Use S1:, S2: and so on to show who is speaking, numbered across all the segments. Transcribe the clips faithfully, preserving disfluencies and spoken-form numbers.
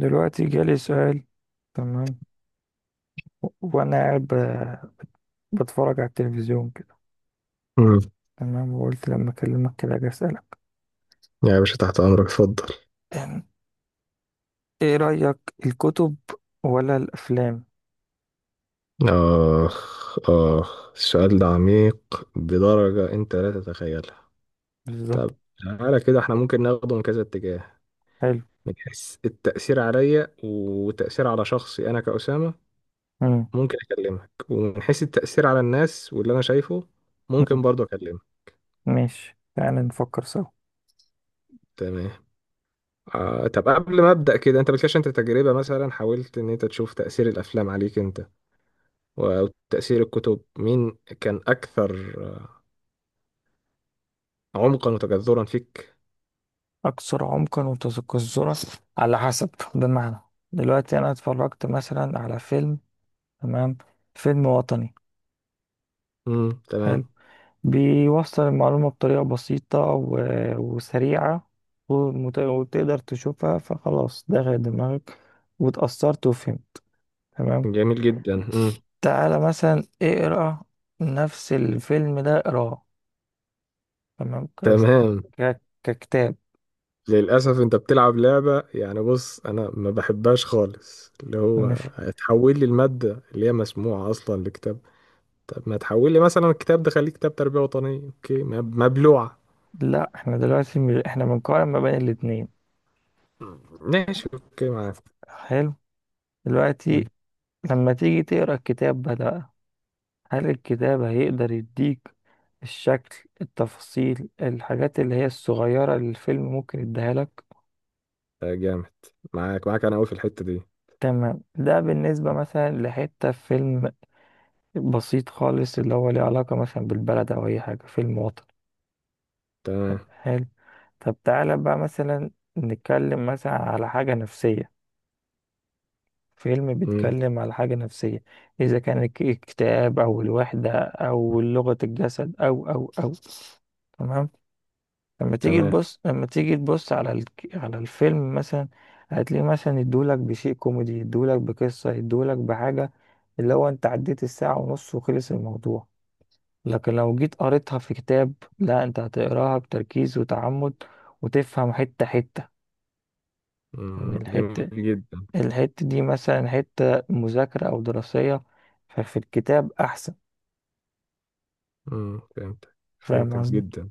S1: دلوقتي جالي سؤال. تمام. و- وانا قاعد ب- بتفرج على التلفزيون كده.
S2: امم
S1: تمام، وقلت لما اكلمك كده اجي اسالك.
S2: يا باشا تحت امرك اتفضل.
S1: أم، ايه رايك، الكتب ولا الافلام؟
S2: اخ اخ، السؤال ده عميق بدرجة انت لا تتخيلها.
S1: بالظبط.
S2: طب تعالى كده، احنا ممكن ناخده من كذا اتجاه.
S1: حلو.
S2: من حيث التأثير عليا وتأثير على شخصي انا كأسامة
S1: مم.
S2: ممكن اكلمك، ومن حيث التأثير على الناس واللي انا شايفه
S1: مم.
S2: ممكن برضه اكلمك.
S1: ماشي، تعالى نفكر سوا.
S2: تمام. آه، طب قبل ما ابدا كده، انت بتكلمش انت تجربة مثلا؟ حاولت ان انت تشوف تأثير الافلام عليك انت وتأثير الكتب، مين كان اكثر عمقا وتجذرا فيك؟
S1: اكثر عمقا وتذكرا، على حسب، بمعنى، دلوقتي انا اتفرجت مثلا على فيلم. تمام. فيلم وطني.
S2: امم تمام.
S1: حلو. بيوصل المعلومة بطريقة بسيطة و- وسريعة، ومت- وتقدر تشوفها، فخلاص دخلت دماغك واتأثرت وفهمت. تمام.
S2: جميل جدا. امم
S1: تعالى مثلا اقرأ نفس الفيلم ده اقراه. تمام ك-
S2: تمام.
S1: ك- ككتاب.
S2: للأسف أنت بتلعب لعبة، يعني بص أنا ما بحبهاش خالص، اللي هو
S1: مش.
S2: هتحول لي المادة اللي هي مسموعة أصلا لكتاب. طب ما تحول لي مثلا الكتاب ده، خليه كتاب تربية وطنية أوكي، مب- مبلوعة.
S1: لا، احنا دلوقتي م- احنا بنقارن ما بين الاتنين.
S2: مم. ماشي أوكي معاك.
S1: حلو.
S2: مم.
S1: دلوقتي، لما تيجي تقرأ الكتاب ده بقى، هل الكتاب هيقدر يديك الشكل، التفاصيل، الحاجات اللي هي الصغيرة اللي الفيلم ممكن يديها لك؟
S2: آه، جامد. معاك معاك أنا أوي في الحتة دي.
S1: تمام. ده بالنسبة مثلا لحتة في فيلم، بسيط خالص، اللي هو ليه علاقة مثلا بالبلد أو أي حاجة، فيلم وطني.
S2: تمام.
S1: حلو. طب تعالى بقى مثلا نتكلم مثلا على حاجة نفسية، فيلم
S2: مم.
S1: بيتكلم على حاجة نفسية. إذا كان الاك- الاكتئاب أو الوحدة أو لغة الجسد أو أو أو. تمام. لما تيجي
S2: تمام.
S1: تبص لما تيجي تبص على الك... على الفيلم مثلا، هتلاقيه مثلا يدولك بشيء كوميدي، يدولك بقصة، يدولك بحاجة، اللي هو انت عديت الساعة ونص وخلص الموضوع. لكن لو جيت قريتها في كتاب، لا، انت هتقراها بتركيز وتعمد، وتفهم حتة حتة. يعني
S2: مم. جميل
S1: الحتة
S2: جدا.
S1: الحتة دي مثلا حتة مذاكرة أو دراسية، ففي الكتاب أحسن.
S2: مم. فهمتك
S1: فاهم
S2: فهمتك
S1: قصدي؟
S2: جدا.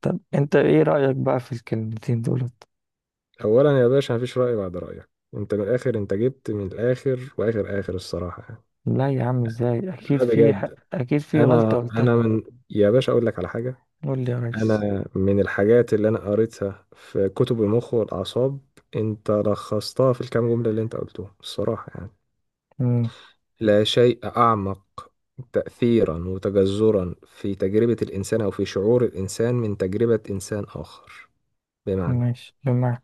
S1: طب انت ايه رأيك بقى في الكلمتين دولت؟
S2: اولا يا باشا، مفيش راي بعد رايك، انت من الاخر، انت جبت من الاخر واخر اخر، الصراحه يعني.
S1: لا يا عم، ازاي؟ أكيد
S2: لا
S1: في ح-
S2: بجد،
S1: أكيد في غلطة
S2: انا انا
S1: قلتها.
S2: من، يا باشا اقول لك على حاجه.
S1: قول لي يا ريس.
S2: انا من الحاجات اللي انا قريتها في كتب المخ والاعصاب، انت لخصتها في الكام جمله اللي انت قلتهم، الصراحه يعني.
S1: امم.
S2: لا شيء اعمق تاثيرا وتجذرا في تجربه الانسان او في شعور الانسان من تجربه انسان اخر. بمعنى
S1: ماشي، بمعنى.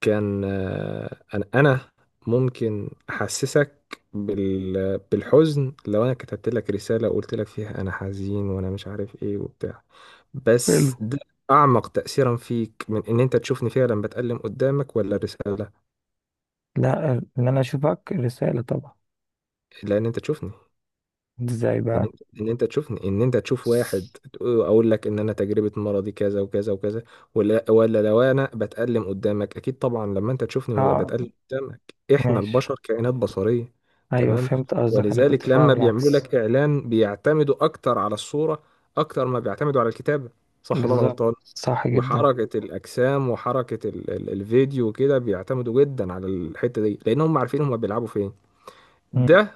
S2: كان آه، انا انا ممكن احسسك بال... بالحزن لو انا كتبت لك رساله وقلت لك فيها انا حزين وانا مش عارف ايه وبتاع،
S1: حلو.
S2: بس ده اعمق تاثيرا فيك من ان انت تشوفني فعلا بتألم قدامك، ولا الرساله؟
S1: لا، ان انا اشوفك رسالة طبعا.
S2: لان انت تشوفني.
S1: ازاي
S2: ان
S1: بقى؟
S2: انت ان انت تشوف ان انت تشوف واحد تقول- اقول لك ان انا تجربه مرضي كذا وكذا وكذا، ولا ولا لو انا بتألم قدامك؟ اكيد طبعا لما انت تشوفني وأبقى
S1: اه.
S2: بتألم قدامك. احنا
S1: ماشي.
S2: البشر كائنات بصريه.
S1: ايوه،
S2: تمام.
S1: فهمت قصدك، انا كنت
S2: ولذلك
S1: فاهم
S2: لما بيعملوا
S1: العكس.
S2: لك اعلان بيعتمدوا اكتر على الصوره اكتر ما بيعتمدوا على الكتابه، صح ولا انا
S1: بالظبط،
S2: غلطان؟
S1: صح جدا.
S2: وحركه الاجسام وحركه ال ال الفيديو وكده بيعتمدوا جدا على الحته دي لان هم عارفين هم بيلعبوا فين.
S1: امم.
S2: ده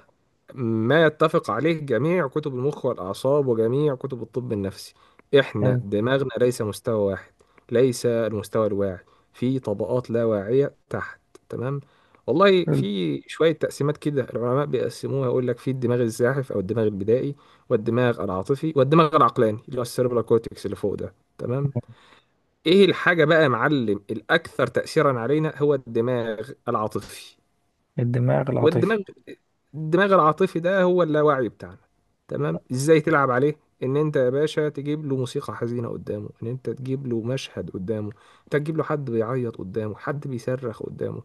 S2: ما يتفق عليه جميع كتب المخ والأعصاب وجميع كتب الطب النفسي. إحنا
S1: حلو.
S2: دماغنا ليس مستوى واحد، ليس المستوى الواعي، في طبقات لا واعية تحت. تمام. والله
S1: حلو.
S2: في شوية تقسيمات كده العلماء بيقسموها، يقول لك في الدماغ الزاحف أو الدماغ البدائي والدماغ العاطفي والدماغ العقلاني اللي هو السيربرال كورتكس اللي فوق ده. تمام. إيه الحاجة بقى يا معلم الأكثر تأثيرا علينا؟ هو الدماغ العاطفي.
S1: الدماغ العاطفي.
S2: والدماغ الدماغ العاطفي ده هو اللاواعي بتاعنا. تمام. ازاي تلعب عليه؟ ان انت يا باشا تجيب له موسيقى حزينه قدامه، ان انت تجيب له مشهد قدامه، انت تجيب له حد بيعيط قدامه، حد بيصرخ قدامه.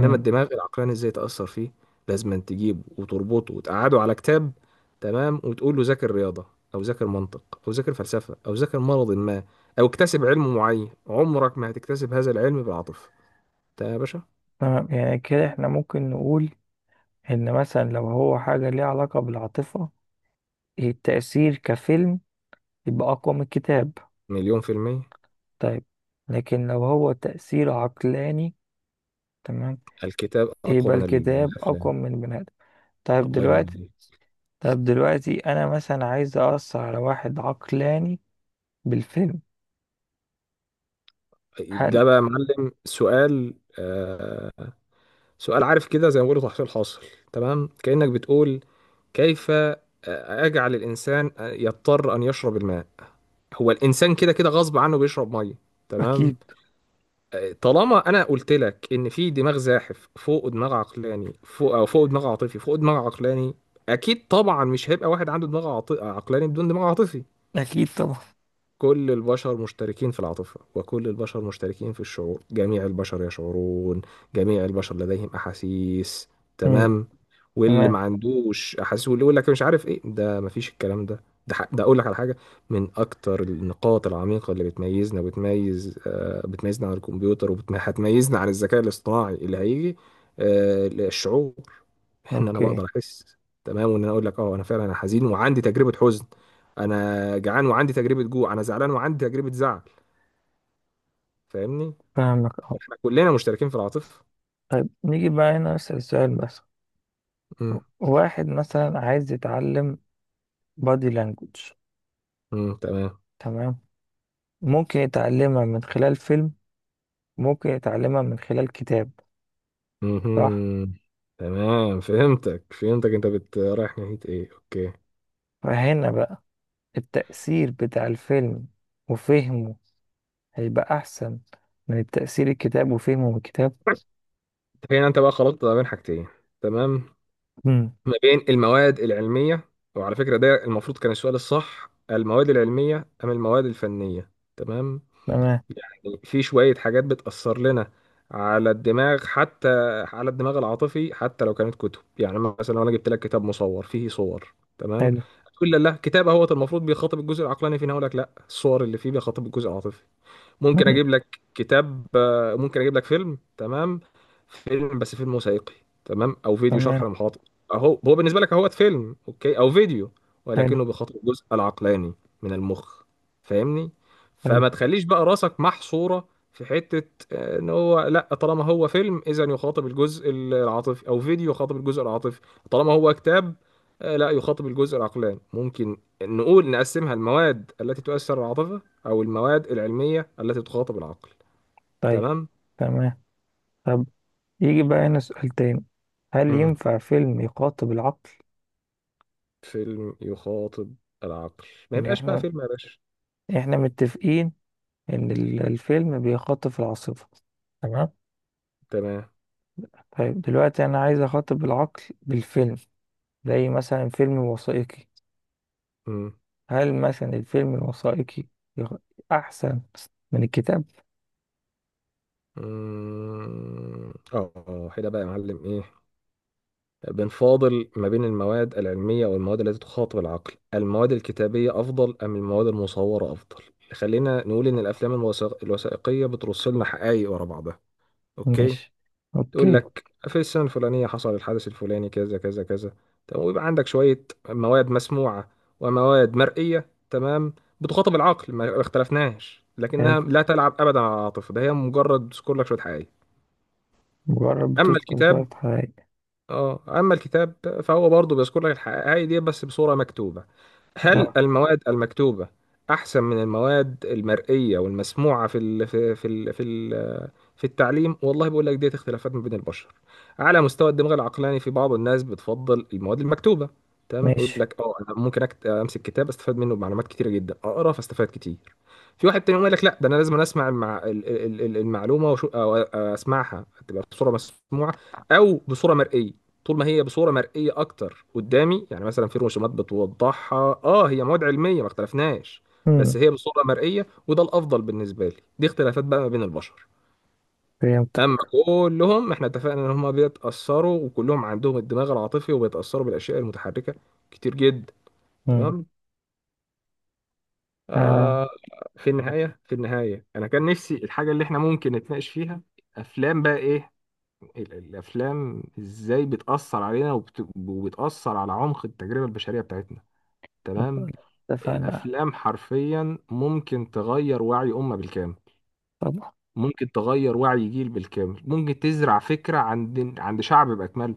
S2: انما الدماغ العقلاني ازاي تاثر فيه؟ لازم أن تجيبه وتربطه وتقعده على كتاب. تمام. وتقول له ذاكر رياضه او ذاكر منطق او ذاكر فلسفه او ذاكر مرض ما او اكتسب علم معين. عمرك ما هتكتسب هذا العلم بالعاطفه. ده يا باشا
S1: تمام، يعني كده احنا ممكن نقول ان مثلا لو هو حاجة ليها علاقة بالعاطفة، التأثير كفيلم يبقى اقوى من الكتاب.
S2: مليون في المية.
S1: طيب. لكن لو هو تأثير عقلاني، تمام،
S2: الكتاب أقوى
S1: يبقى
S2: من
S1: الكتاب أقوى
S2: الأفلام.
S1: من البني آدم. طيب
S2: الله ينور
S1: دلوقتي.
S2: عليك.
S1: طيب دلوقتي أنا مثلا عايز أأثر على واحد عقلاني بالفيلم. هل.
S2: ده بقى يا معلم سؤال، آه، سؤال عارف كده زي ما بيقولوا تحصيل حاصل. تمام. كأنك بتقول كيف آه، أجعل الإنسان آه، يضطر أن يشرب الماء. هو الإنسان كده كده غصب عنه بيشرب مية. تمام.
S1: أكيد.
S2: آه، طالما أنا قلت لك إن في دماغ زاحف فوق دماغ عقلاني فوق، أو فوق دماغ عاطفي فوق دماغ عقلاني، أكيد طبعا مش هيبقى واحد عنده دماغ عاط- عقلاني بدون دماغ عاطفي.
S1: أكيد طبعا.
S2: كل البشر مشتركين في العاطفة وكل البشر مشتركين في الشعور. جميع البشر يشعرون، جميع البشر لديهم أحاسيس.
S1: مم.
S2: تمام. واللي ما
S1: تمام.
S2: عندوش أحاسيس واللي يقول لك مش عارف إيه، ده مفيش الكلام ده. ده ح- ده أقول لك على حاجة. من أكتر النقاط العميقة اللي بتميزنا، بتميز آه، بتميزنا عن الكمبيوتر وهتميزنا عن الذكاء الاصطناعي اللي هيجي، آه، الشعور. ان انا
S1: أوكي.
S2: بقدر احس. تمام. وان انا اقول لك اه، انا فعلا انا حزين وعندي تجربه حزن، انا جعان وعندي تجربه جوع، انا زعلان وعندي تجربه زعل. فاهمني؟
S1: فاهمك أه.
S2: احنا كلنا مشتركين في العاطفه.
S1: طيب نيجي بقى هنا نسأل السؤال بس.
S2: امم
S1: واحد مثلا عايز يتعلم بادي لانجوج.
S2: امم تمام.
S1: تمام. ممكن يتعلمها من خلال فيلم، ممكن يتعلمها من خلال كتاب، صح؟
S2: امم تمام. فهمتك فهمتك، انت بت رايح ناحيه ايه، اوكي.
S1: فهنا بقى التأثير بتاع الفيلم وفهمه هيبقى أحسن من تأثير الكتاب وفهمه الكتاب.
S2: هنا انت بقى خلطت ما بين حاجتين. تمام.
S1: مم.
S2: ما بين المواد العلميه، وعلى فكره ده المفروض كان السؤال الصح، المواد العلميه ام المواد الفنيه؟ تمام.
S1: تمام.
S2: يعني في شوية حاجات بتأثر لنا على الدماغ، حتى على الدماغ العاطفي، حتى لو كانت كتب. يعني مثلا لو انا جبت لك كتاب مصور فيه صور، تمام،
S1: حلو.
S2: تقول لا لا، كتاب اهوت المفروض بيخاطب الجزء العقلاني فينا، اقول لك لا، الصور اللي فيه بيخاطب الجزء العاطفي. ممكن
S1: مم.
S2: اجيب لك كتاب، آه، ممكن اجيب لك فيلم. تمام. فيلم، بس فيلم وثائقي. تمام. او فيديو شرح
S1: تمام.
S2: لمحاضر. اهو هو بالنسبه لك اهوت فيلم اوكي او فيديو،
S1: حلو.
S2: ولكنه بيخاطب الجزء العقلاني من المخ. فاهمني؟
S1: حلو.
S2: فما تخليش بقى راسك محصوره في حته، آه، ان هو لا طالما هو فيلم اذا يخاطب الجزء العاطفي او فيديو يخاطب الجزء العاطفي، طالما هو كتاب آه، لا يخاطب الجزء العقلاني. ممكن نقول نقسمها المواد التي تؤثر على العاطفه أو المواد العلمية التي تخاطب العقل.
S1: طيب.
S2: تمام.
S1: تمام. طب يجي بقى هنا سؤال تاني: هل
S2: مم.
S1: ينفع فيلم يخاطب العقل؟
S2: فيلم يخاطب العقل؟ ما
S1: يعني
S2: يبقاش بقى
S1: احنا
S2: فيلم يا باشا.
S1: احنا متفقين إن ال- الفيلم بيخاطب العاصفة. تمام.
S2: تمام.
S1: طيب دلوقتي أنا عايز أخاطب العقل بالفيلم، زي مثلا فيلم وثائقي.
S2: مم.
S1: هل مثلا الفيلم الوثائقي يخ- أحسن من الكتاب؟
S2: مم. اه، آه، هنا بقى يا معلم ايه، بنفاضل ما بين المواد العلمية والمواد التي تخاطب العقل. المواد الكتابية أفضل أم المواد المصورة أفضل؟ خلينا نقول إن الأفلام الوثائق- الوثائقية بترص لنا حقائق ورا بعضها. أوكي.
S1: ماشي.
S2: تقول
S1: أوكي.
S2: لك في السنة الفلانية حصل الحدث الفلاني كذا كذا كذا. تمام. ويبقى عندك شوية مواد مسموعة ومواد مرئية، تمام، بتخاطب العقل، ما ما اختلفناش،
S1: حلو.
S2: لكنها لا تلعب أبدا على العاطفة. ده هي مجرد بتذكر لك شوية حقائق.
S1: جرب
S2: أما
S1: تسكن
S2: الكتاب،
S1: شوية حقائق.
S2: اه، أما الكتاب فهو برضه بيذكر لك الحقائق دي بس بصورة مكتوبة.
S1: اه.
S2: هل المواد المكتوبة أحسن من المواد المرئية والمسموعة في ال في ال في ال في التعليم؟ والله بقول لك، ديت اختلافات ما بين البشر على مستوى الدماغ العقلاني. في بعض الناس بتفضل المواد المكتوبه. تمام. يقول
S1: ماشي.
S2: لك اه، انا ممكن أكت... امسك كتاب استفاد منه بمعلومات كتيره جدا، اقرا فاستفاد كتير. في واحد تاني يقوم يقول لك لا، ده انا لازم اسمع المع... ال- ال- ال- المعلومه وشو... أو اسمعها تبقى بصوره مسموعه او بصوره مرئيه. طول ما هي بصوره مرئيه اكتر قدامي، يعني مثلا في رسومات بتوضحها، اه هي مواد علميه ما اختلفناش، بس
S1: مم.
S2: هي بصوره مرئيه وده الافضل بالنسبه لي. دي اختلافات بقى ما بين البشر. اما
S1: فهمتك.
S2: كلهم احنا اتفقنا ان هم بيتاثروا وكلهم عندهم الدماغ العاطفي وبيتاثروا بالاشياء المتحركه كتير جدا.
S1: مم.
S2: تمام.
S1: آه.
S2: آه. في النهايه في النهايه انا كان نفسي الحاجه اللي احنا ممكن نتناقش فيها، افلام بقى ايه، ال- الافلام ازاي بتاثر علينا وبت... وبتاثر على عمق التجربه البشريه بتاعتنا. تمام.
S1: طب اتفقنا.
S2: الافلام حرفيا ممكن تغير وعي امه بالكامل،
S1: طبعا.
S2: ممكن تغير وعي جيل بالكامل، ممكن تزرع فكره عند عند شعب باكمله.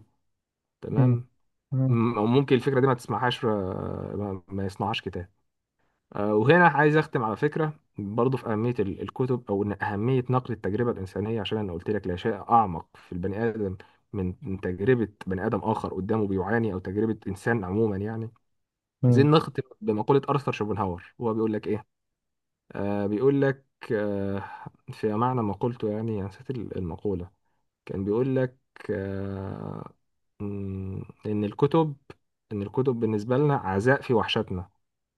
S1: مم.
S2: تمام.
S1: مم.
S2: م- أو ممكن الفكرة دي ما تسمعهاش، آه، ما ما يصنعهاش كتاب. آه، وهنا عايز أختم على فكرة. برضو في أهمية ال- الكتب، أو إن أهمية نقل التجربة الإنسانية، عشان أنا قلت لك لا شيء أعمق في البني آدم من من تجربة بني آدم آخر قدامه بيعاني، أو تجربة إنسان عموما يعني.
S1: مم.
S2: عايزين نختم بمقولة أرثر شوبنهاور، هو بيقول لك إيه؟ آه، بيقول لك، آه، في معنى ما قلته يعني. أنا نسيت ال- المقولة. كان بيقول لك، آه، مم، لأن الكتب، إن الكتب بالنسبة لنا عزاء في وحشتنا.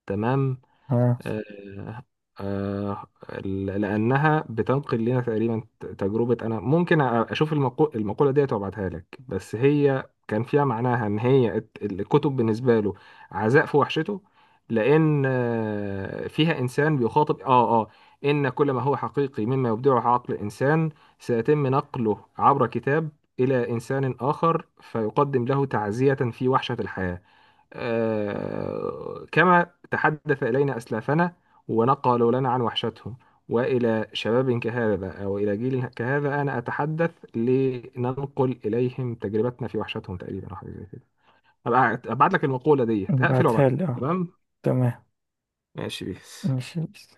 S2: تمام.
S1: آه.
S2: آه، آه، لأنها بتنقل لنا تقريبا تجربة. أنا ممكن أشوف المقو- المقولة ديت وأبعتها لك، بس هي كان فيها معناها إن هي الت- الكتب بالنسبة له عزاء في وحشته. لأن آه، فيها إنسان بيخاطب آه آه إن كل ما هو حقيقي مما يبدعه عقل إنسان سيتم نقله عبر كتاب إلى إنسان آخر فيقدم له تعزية في وحشة الحياة. آه، كما تحدث إلينا أسلافنا ونقلوا لنا عن وحشتهم، وإلى شباب كهذا أو إلى جيل كهذا أنا أتحدث لننقل إليهم تجربتنا في وحشتهم، تقريبا أو حاجة زي كده. أبقى أبعت لك المقولة دي، هقفل
S1: بعتها
S2: وأبعتها لك.
S1: لي اه.
S2: تمام.
S1: تمام.
S2: ماشي بيس.
S1: ماشي بس.